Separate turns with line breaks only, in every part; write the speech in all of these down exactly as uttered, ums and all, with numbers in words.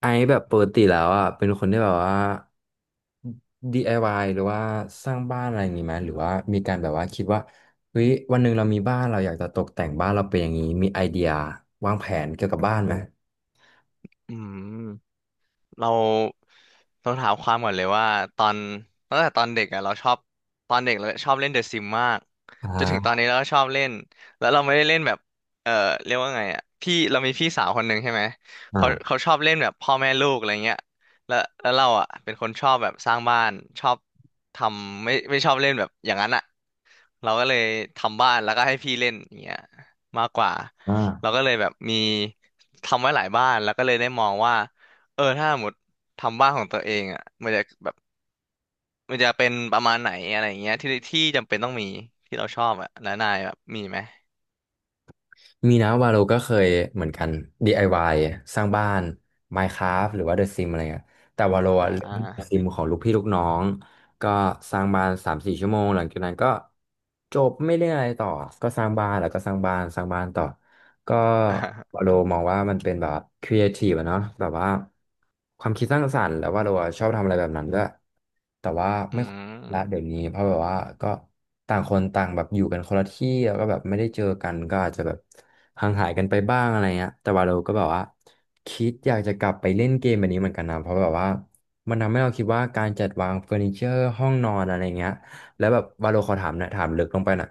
ไอซ์แบบปกติแล้วอ่ะเป็นคนที่แบบว่า ดี ไอ วาย หรือว่าสร้างบ้านอะไรอย่างงี้ไหมหรือว่ามีการแบบว่าคิดว่าเฮ้ยวันหนึ่งเรามีบ้านเราอยากจะตกแต่งบ้านเราเป็นอย่างนี้มีไอเดียวางแผนเกี่ยวกับบ้านไหม
อืมเราต้องถามความก่อนเลยว่าตอนตั้งแต่ตอนเด็กอ่ะเราชอบตอนเด็กเราชอบเล่นเดอะซิมมาก
อ่า
จนถึงตอนนี้เราก็ชอบเล่นแล้วเราไม่ได้เล่นแบบเออเรียกว่าไงอ่ะพี่เรามีพี่สาวคนหนึ่งใช่ไหมเขาเขา
อ่า
ชอบเล่นแบบพ่อแม่ลูกอะไรเงี้ยแล้วแล้วเราอ่ะเป็นคนชอบแบบสร้างบ้านชอบทำไม่ไม่ชอบเล่นแบบอย่างนั้นอ่ะ เราก็เลยทำบ้านแล้วก็ให้พี่เล่นอย่างเงี้ยมากกว่าเรา
อ่า
ก็เลยแบบมีทำไว้หลายบ้านแล้วก็เลยได้มองว่าเออถ้าสมมติทำบ้านของตัวเองอ่ะมันจะแบบมันจะเป็นประมาณไหนอะไรอย่างเงี้ยที่ที่จำเป็นต้องมีที่เราชอบอ่ะแล้วนายแบบมีไหม
มีนะวาโลก็เคยเหมือนกัน ดี ไอ วาย สร้างบ้าน Minecraft หรือว่า The Sims อะไรเงี้ยแต่วาโล
อ่
อะเล่น The
า
Sims ของลูกพี่ลูกน้องก็สร้างบ้านสามสี่ชั่วโมงหลังจากนั้นก็จบไม่เล่นอะไรต่อก็สร้างบ้านแล้วก็สร้างบ้านสร้างบ้านต่อก็วา โลมองว่ามันเป็นแบบครีเอทีฟอะเนาะแบบว่าความคิดสร้างสรรค์แล้ววาโลอะชอบทำอะไรแบบนั้นด้วยแต่ว่า
อื
ไม่ค่อยละ
ม
เดี๋ยวนี้เพราะแบบว่าก็ต่างคนต่างแบบอยู่กันคนละที่แล้วก็แบบไม่ได้เจอกันก็อาจจะแบบ ห่างหายกันไปบ้างอะไรเงี้ยแต่ว่าเราก็แบบว่าคิดอยากจะกลับไปเล่นเกมแบบนี้เหมือนกันนะเพราะแบบว่ามันทำให้เราคิดว่าการจัดวางเฟอร์นิเจอร์ห้องนอนอะไรเงี้ยแล้วแบบวาโลขอถามนะถามลึกลงไปหน่ะ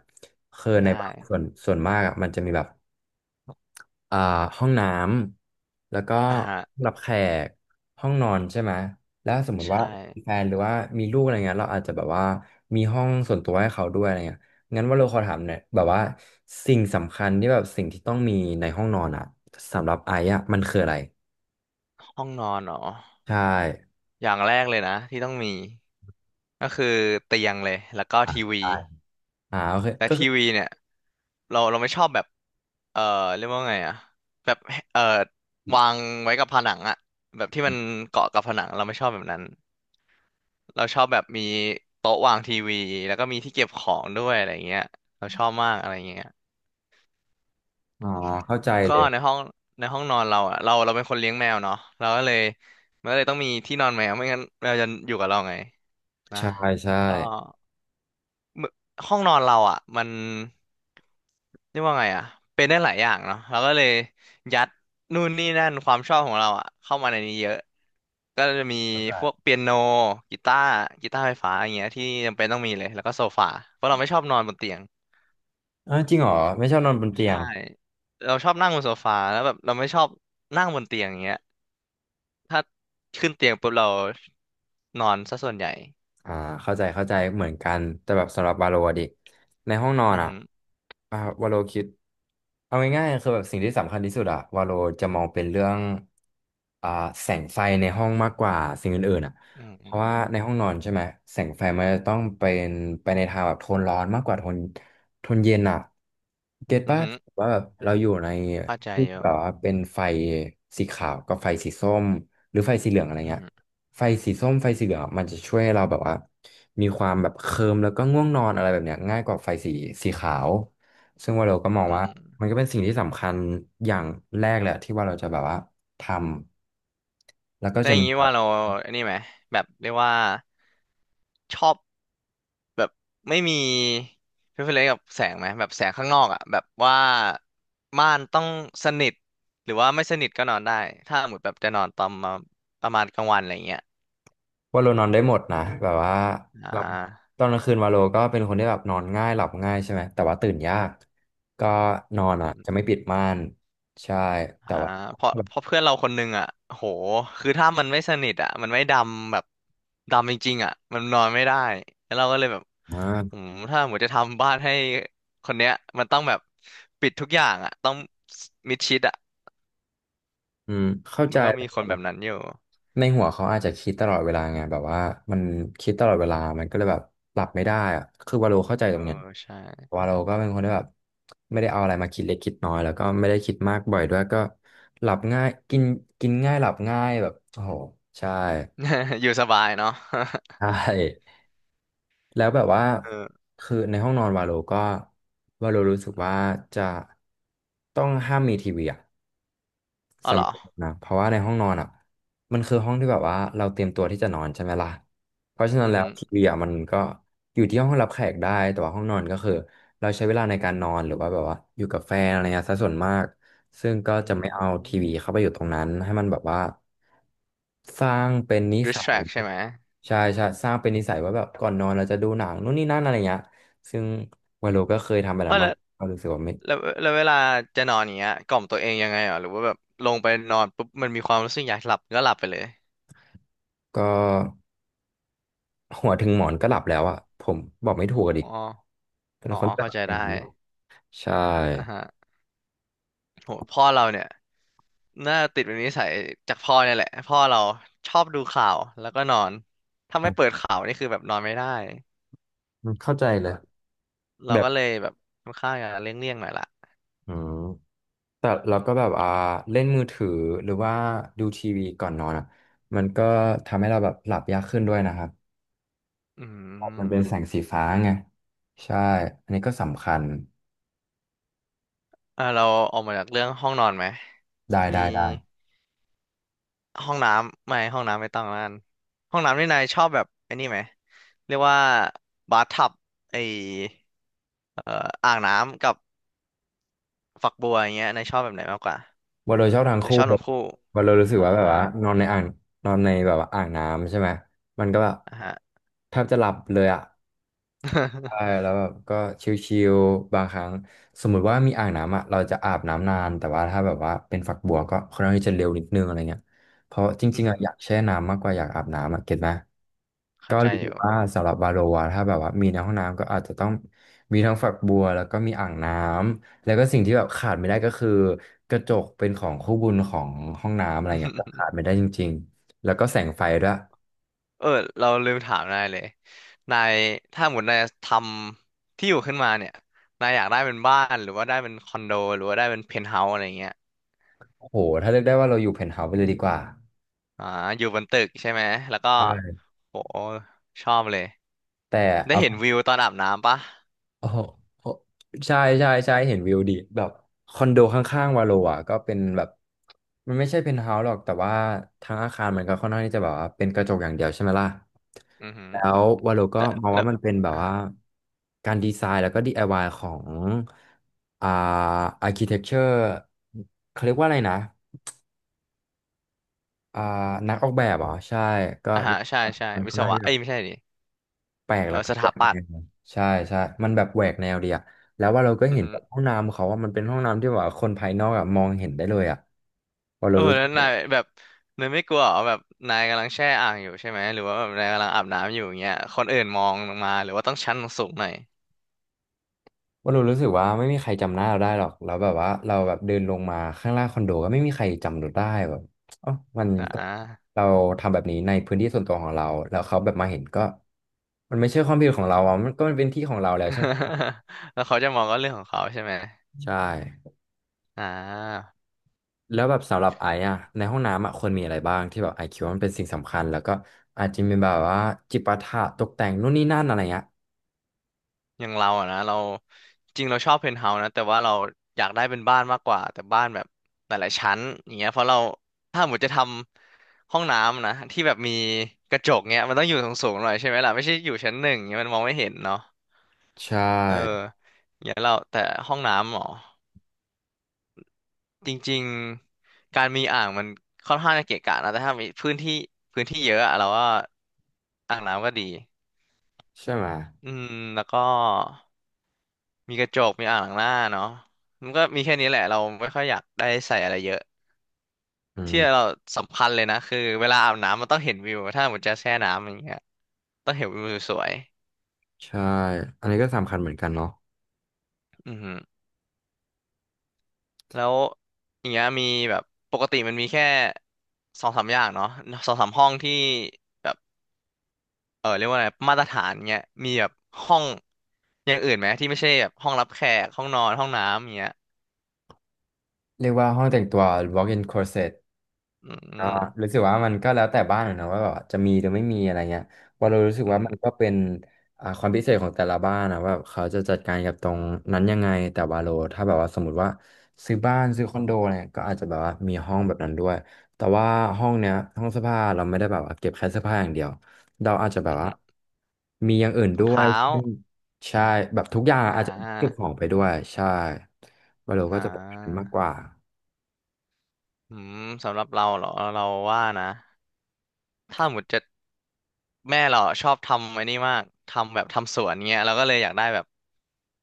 คือใน
ได้
บ้านส่วนส่วนมากอะมันจะมีแบบ อ่าห้องน้ำแล้วก็
อ่าฮะ
รับแขกห้องนอนใช่ไหมแล้วสมมุ ติว่า
ใช่
มีแฟนหรือว่ามีลูกอะไรเงี้ยเราอาจจะแบบว่ามีห้องส่วนตัวให้เขาด้วยอะไรเงี้ยงั้นว่าเราขอถามเนี่อยแบบว่าสิ่งสำคัญที่แบบสิ่งที่ต้องมีในห้องนอนอ่ะสำหรับไอ้อ่ะมันคืออะไร
ห้องนอนเหรอ
ใช่
อย่างแรกเลยนะที่ต้องมีก็คือเตียงเลยแล้วก็
อ่ะ
ทีวี
ใช่อ่าโอเค
และ
ก็
ที
คือ
วีเนี่ย เราเราไม่ชอบแบบเอ่อเรียกว่าไงอะแบบเอ่อวางไว้กับผนังอะแบบที่มันเกาะกับผนังเราไม่ชอบแบบนั้นเราชอบแบบมีโต๊ะวางทีวีแล้วก็มีที่เก็บของด้วยอะไรเงี้ยเราชอบมากอะไรเงี้ย
อ๋อเข้าใจ
แล้วก็
เลย
ในห้องในห้องนอนเราอะเราเราเป็นคนเลี้ยงแมวเนาะเราก็เลยมันก็เลยต้องมีที่นอนแมวไม่งั้นแมวจะอยู่กับเราไงนะ
ใช่
แล้
ใช่
วก็ ห้องนอนเราอ่ะมันเรียกว่าไงอ่ะเป็นได้หลายอย่างเนาะเราก็เลยยัดนู่นนี่นั่นความชอบของเราอ่ะเข้ามาในนี้เยอะก็จะมีพวกเปียโนกีตาร์กีตาร์ไฟฟ้าอย่างเงี้ยที่จำเป็นต้องมีเลยแล้วก็โซฟาเพราะเราไม่ชอบนอนบนเตียง
อ่าจริงเหรอไม่ชอบนอนบนเตีย
ใช่
ง
เราชอบนั่งบนโซฟาแล้วแบบเราไม่ชอบนั่งบนเตียงอย่างเงี้ยถ้าขึ้นเตียงปุ๊บเรานอนซะส่วนใหญ่
อ่าเข้าใจเข้าใจเหมือนกันแต่แบบสำหรับวาโลอะดิในห้องนอน
อือ
อ่ะ
หือ
อ่าวาโลคิดเอาง่ายๆคือแบบสิ่งที่สำคัญที่สุดอ่ะวาโลจะมองเป็นเรื่องอ่าแสงไฟในห้องมากกว่าสิ่งอื่นๆอ่ะ
อือ
เพ
หื
ราะว่าใน
อ
ห้องนอนใช่ไหมแสงไฟมันจะต้องเป็นไปในทางแบบโทนร้อนมากกว่าโทนโทนเย็นอ่ะเก็ต
อือ
ป่ะ
หือ
ว่าแบบเราอยู่ใน
เข้าใจ
ที่
อ
แบ
ยู่
บว่าเป็นไฟสีขาวกับไฟสีส้ม หรือไฟสีเหลืองอะไร
อือ
เงี้ย
หือ
ไฟสีส้มไฟสีเหลืองอะมันจะช่วยให้เราแบบว่ามีความแบบเคลิ้มแล้วก็ง่วงนอนอะไรแบบเนี้ยง่ายกว่าไฟสีสีขาวซึ่งว่าเราก็มอง
อือ
ว่า
หือ
มันก็เป็นสิ่งที่สำคัญอย่างแรกแหละที่ว่าเราจะแบบว่าทำแล้วก็
ได้ว
จะ
อย่า
มี
งงี้
แบ
ว่า
บ
เราไอันนี้ไหมแบบเรียกว่าชอบแบบไม่มีเพอเฟกกับแสงไหมแบบแสงข้างนอกอ่ะแบบว่าม่านต้องสนิทหรือว่าไม่สนิทก็นอนได้ถ้าหมดแบบจะนอนตอนมาประมาณกลางวันอะไรเงี้ย
ว่าเรานอนได้หมดนะแบบว่า
อ่
เรา
า
ตอนกลางคืนวาโลก็เป็นคนที่แบบนอนง่ายหลับง่ายใช่ไหมแต่ว่าตื่นยากก็นอนอ่ะจะไม่ปิดม่านใช่แต่
อ่า
ว่า
เพราะ
แบบ
เพราะเพื่อนเราคนหนึงอ่ะโหคือถ้ามันไม่สนิทอ่ะมันไม่ดำแบบดำจริงๆอ่ะมันนอนไม่ได้แล้วเราก็เลยแบบ
มาก
หืมถ้าหมดจะทำบ้านให้คนเนี้ยมันต้องแบบปิดทุกอย่างอ่ะต้องมิดชิดอ่ะ
อืมเข้า
มั
ใจ
นก็มีคนแบบนั้นอยู่
ในหัวเขาอาจจะคิดตลอดเวลาไงแบบว่ามันคิดตลอดเวลามันก็เลยแบบปรับไม่ได้อะคือวาโลเข้าใจต
เอ
ร
อ
งเนี้ย
ใช่
วาโลก็เป็นคนที่แบบไม่ได้เอาอะไรมาคิดเล็กคิดน้อยแล้วก็ไม่ได้คิดมากบ่อยด้วยก็หลับง่ายกินกินง่ายหลับง่ายแบบโอ้โหใช่
อยู่สบายเนาะ
ใช่แล้วแบบว่า
เออ
คือในห้องนอนวาโลก็วาโลรู้สึกว่าจะต้องห้ามมีทีวีอะ
อ๋อเห
สำห
ร
รั
อ
บผมนะเพราะว่าในห้องนอนอ่ะมันคือห้องที่แบบว่าเราเตรียมตัวที่จะนอนใช่ไหมล่ะเพราะฉะนั้น
อือ
แล้ว
หือ
ทีวีอ่ะมันก็อยู่ที่ห้องรับแขกได้แต่ว่าห้องนอนก็คือเราใช้เวลาในการนอนหรือว่าแบบว่าอยู่กับแฟนอะไรเงี้ยซะส่วนมากซึ่งก็
อื
จะไม่เอาที
ม
วีเข้าไปอยู่ตรงนั้นให้มันแบบว่าสร้างเป็นนิสัย
distract ใช่ไหม
ใช่ใช่สร้างเป็นนิสัยว่าแบบก่อนนอนเราจะดูหนังนู่นนี่นั่นอะไรเงี้ยซึ่งวาโลก็เคยทำแบบ
เออ
นั้นมั
แล้
น
ว
ก็รู้สึกว่าไม่
แล้วแล้วเวลาจะนอนอย่างเงี้ยกล่อมตัวเองยังไงอ่ะหรือว่าแบบลงไปนอนปุ๊บมันมีความรู้สึกอยากหลับก็หลับไปเลย
ก็ หัวถึงหมอนก็หลับแล้วอ่ะผมบอกไม่ถูก
อ๋
อะดิ
อ
เป็น
อ๋อ
คนที่
เข้า
หลับ
ใจ
อย่า
ได้
งนั้นหรอใช่
อ่าฮะโหพ่อเราเนี่ยน่าติดเป็นนิสัยจากพ่อเนี่ยแหละพ่อเราชอบดูข่าวแล้วก็นอนถ้าไม่เปิ
อ่ะ
ดข่าวนี่คือแบบนอนไม่ได้
เข้าใจเลย
เรา
แบบ
ก็เลยแบบค่อนข้างจะเลี่ยงๆหน่อยละ
อืมแต่เราก็แบบอ่าเล่นมือถือหรือว่าดูทีวีก่อนนอนอ่ะมันก็ทำให้เราแบบหลับยากขึ้นด้วยนะครับ
อื
เพราะมั
ม
นเป็นแสงสีฟ้าไงใช่อันนี้ก็สำคัญ
อ่าเราออกมาจากเรื่องห้องนอนไหม
ได้
มี
ได้ได้
ห้องน้ำไม่ห้องน้ำไม่ต้องแล้วกันห้องน้ำนี่นายชอบแบบไอ้นี่ไหมเรียกว่าบาร์ทับไอเอ่ออ่างน้ำกับฝักบัวอย่างเงี้ยนายชอบแบบไหนมากกว่า
ว่าโดยชอบทัง
หรือ
คู่
ชอบ
เล
ทั้
ย
งคู่
ว่าเรารู้สึก
อ่า
ว่าแบบว่านอนในอ่างนอนในแบบว่าอ่างน้ำใช่ไหมมันก็แบบ
อ่ะฮะ
แทบจะหลับเลยอ่ะ ใช่ แล้วแบบก็ชิลๆบางครั้งสมมุติว่ามีอ่างน้ำอ่ะเราจะอาบน้ำนานแต่ว่าถ้าแบบว่าเป็นฝักบัวก็ค่อนข้างที่จะเร็วนิดนึงอะไรเงี้ยเพราะจ
อื
ริ
อ
งๆ
หื
อ่ะ
อ
อยากแช่น้ำมากกว่าอยากอาบน้ำอ่ะเก็ตไหม
เข้า
ก็
ใจ
รู้
อ
สึก
ยู่
ว่าสำหรับบาโลอะถ้าแบบว่ามีในห้องน้ำก็อาจจะต้องมีทั้งฝักบัวแล้วก็มีอ่างน้ำแล้วก็สิ่งที่แบบขาดไม่ได้ก็คือกระจกเป็นของคู่บุญของห้องน้ำอะไรเงี้ยก็ขาด ไม่ได้จริงๆแล้วก็แสงไฟด้วย
เออเราลืมถามนายเลยนายถ้าหมดนายทำที่อยู่ขึ้นมาเนี่ยนายอยากได้เป็นบ้านหรือว่าได้เป็นคอนโดหรือว่าได้เป็นเพนท์เฮาส์อะไรเงี้ย
โอ้โหถ้าเลือกได้ว่าเราอยู่เพนท์เฮาส์ไปเลยดีกว่า
อ่าอยู่บนตึกใช่ไหมแล้วก็โหชอบเลย
แต่
ได้
เอา
เห็นวิวตอนอาบน้ำปะ
โอ้โหโอ้ใช่ใช่ใช่เห็นวิวดีแบบคอนโดข้างๆวาโลอ่ะก็เป็นแบบมันไม่ใช่เพนท์เฮาส์หรอกแต่ว่าทางอาคารมันก็ค่อนข้างที่จะแบบว่าเป็นกระจกอย่างเดียวใช่ไหมล่ะ
อือหือ
แล้ววาโลก็
แล้ว
มอง
แล้
ว่า
ว
มันเป็นแบบ
อ่า
ว่าการดีไซน์แล้วก็ ดี ไอ วาย ของอ่าอาร์คิเทคเจอร์เขาเรียกว่าอะไรนะอ่านักออกแบบเหรอใช่ก็
อ่าฮะใช่ใช่
มัน
วิ
ค่อน
ศ
ข้าง
วะ
ที่จะ
เอ้ยไม่ใช่ดิ
แปลก
เอ
แล้ว
อ
ก็
ส
แหว
ถา
ก
ปั
แน
ตย์
วใช่ใช่มันแบบแหวกแนวดีอะแล้วว่าเราก็
อือ
เห็น
หื
แบ
อ
บห้องน้ำเขาว่ามันเป็นห้องน้ำที่แบบว่าคนภายนอกอะมองเห็นได้เลยอะว่า
เอ
เรา
อ
รู้
แล้
สึ
ว
กแบ
นา
บ
ยแบบนายไม่กลัวเหรอแบบนายกำลังแช่อ่างอยู่ใช่ไหม หรือว่าแบบนายกำลังอาบน้ำอยู่อย่างเงี้ยคนอื่นมองลงมา หรือว่าต้องชั้นสูงหน่อย
ว่าเรารู้สึกว่าไม่มีใครจำหน้าเราได้หรอกแล้วแบบว่าเราแบบเดินลงมาข้างล่างคอนโดก็ไม่มีใครจำเราได้แบบเอ๋อมันก็
อ่า
เราทำแบบนี้ในพื้นที่ส่วนตัวของเราแล้วเขาแบบมาเห็นก็มันไม่ใช่ความผิดของเราอะมันก็มันเป็นที่ของเราแล้วใช่ไหม
แล้วเขาจะมองก็เรื่องของเขาใช่ไหม
ใช่
อ่า
แล้วแบบสำหรับไอซ์อะในห้องน้ำอะควรมีอะไรบ้างที่แบบไอซ์คิดว่ามันเป็นสิ่งสำคัญแล้วก็อาจจะมีแบบว่าจิปาถะตกแต่งนู่นนี่นั่นอะไรเงี้ย
อย่างเราอะนะเราจริงเราชอบเพนท์เฮาส์นะแต่ว่าเราอยากได้เป็นบ้านมากกว่าแต่บ้านแบบหลายๆชั้นอย่างเงี้ยเพราะเราถ้าหมดจะทำห้องน้ำนะที่แบบมีกระจกเงี้ยมันต้องอยู่สูงๆหน่อยใช่ไหมล่ะไม่ใช่อยู่ชั้นหนึ่งเงี้ยมันมองไม่เห็นเนาะ
ใช่
เอออย่างเงี้ยเราแต่ห้องน้ำหรอจริงๆการมีอ่างมันค่อนข้างจะเกะกะนะแต่ถ้ามีพื้นที่พื้นที่เยอะอะเราว่าอ่างน้ำก็ดี
ใช่ไหม
อืมแล้วก็ มีกระจกมีอ่างล้างหน้าเนาะมันก็มีแค่นี้แหละเราไม่ค่อยอยากได้ใส่อะไรเยอะ
อื
ที่เรา
ม
สำคัญเลยนะคือเวลาอาบน้ำมันต้องเห็นวิวถ้าหมดจะแช่น้ำอย่างเงี้ยต้องเห็นวิวสวย
ใช่อันนี้ก็สำคัญเหมือนกันเนาะ
ๆอือหือแล้วอย่างเงี้ยมีแบบปกติมันมีแค่สองสามอย่างเนาะสองสามห้องที่แบบเออเรียกว่าอะไรมาตรฐานเงี้ยมีแบบห้องอย่างอื่นไหมที่ไม่ใช่แบบห้องรับแขกห้องนอนห้องน้ำอย่างเงี้ย
เรียกว่าห้องแต่งตัว walk-in closet
อื
ก็
ม
รู้สึกว่ามันก็แล้วแต่บ้านอะเนอะว่าแบบจะมีหรือไม่มีอะไรเงี้ยว่าเรารู้สึก
อือ
ว่า
หื
มั
อ
นก็เป็นอ่าความพิเศษของแต่ละบ้านนะว่าเขาจะจัดการกับตรงนั้นยังไงแต่ว่าโลถ้าแบบว่าสมมติว่าซื้อบ้านซื้อคอนโดเนี่ยก็อาจจะแบบว่ามีห้องแบบนั้นด้วยแต่ว่าห้องเนี้ยห้องเสื้อผ้าเราไม่ได้แบบว่าเก็บแค่เสื้อผ้าอย่างเดียวเราอาจจะแบ
อื
บ
อ
ว่า
หือ
มีอย่างอื่น
ถุ
ด้
ง
วย
เท้า
เช่นใช่แบบทุกอย่าง
อ่
อาจจะเก็บข
า
องไปด้วยใช่ว่าเรา
อ่
ก็จะเป็นแบบนั้นมากก
า
ว่า
อืมสำหรับเราเหรอเราว่านะถ้าหมดจะแม่เราอะชอบทำไอ้นี่มากทำแบบทำสวนเงี้ยเราก็เลยอยากได้แบบ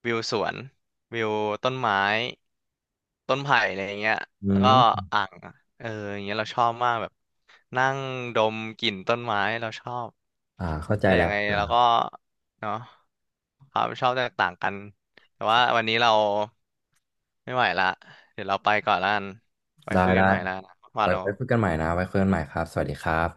วิวสวนวิวต้นไม้ต้นไผ่อะไรเงี้ย
อื
แล้วก็
ม
อ่างเอออย่างเงี้ยเราชอบมากแบบนั่งดมกลิ่นต้นไม้เราชอบ
อ่าเข้าใจ
แต่
แล้
ยั
ว
งไงเราก็เนาะความชอบแตกต่างกันแต่ว่าวันนี้เราไม่ไหวละเดี๋ยวเราไปก่อนละกันไว้
ได้
คุยกั
ได้
นใหม่ละนะว่า
ไว้
เรา
ไว้คุยกันใหม่นะไว้คุยกันใหม่ครับสวัสดีครับ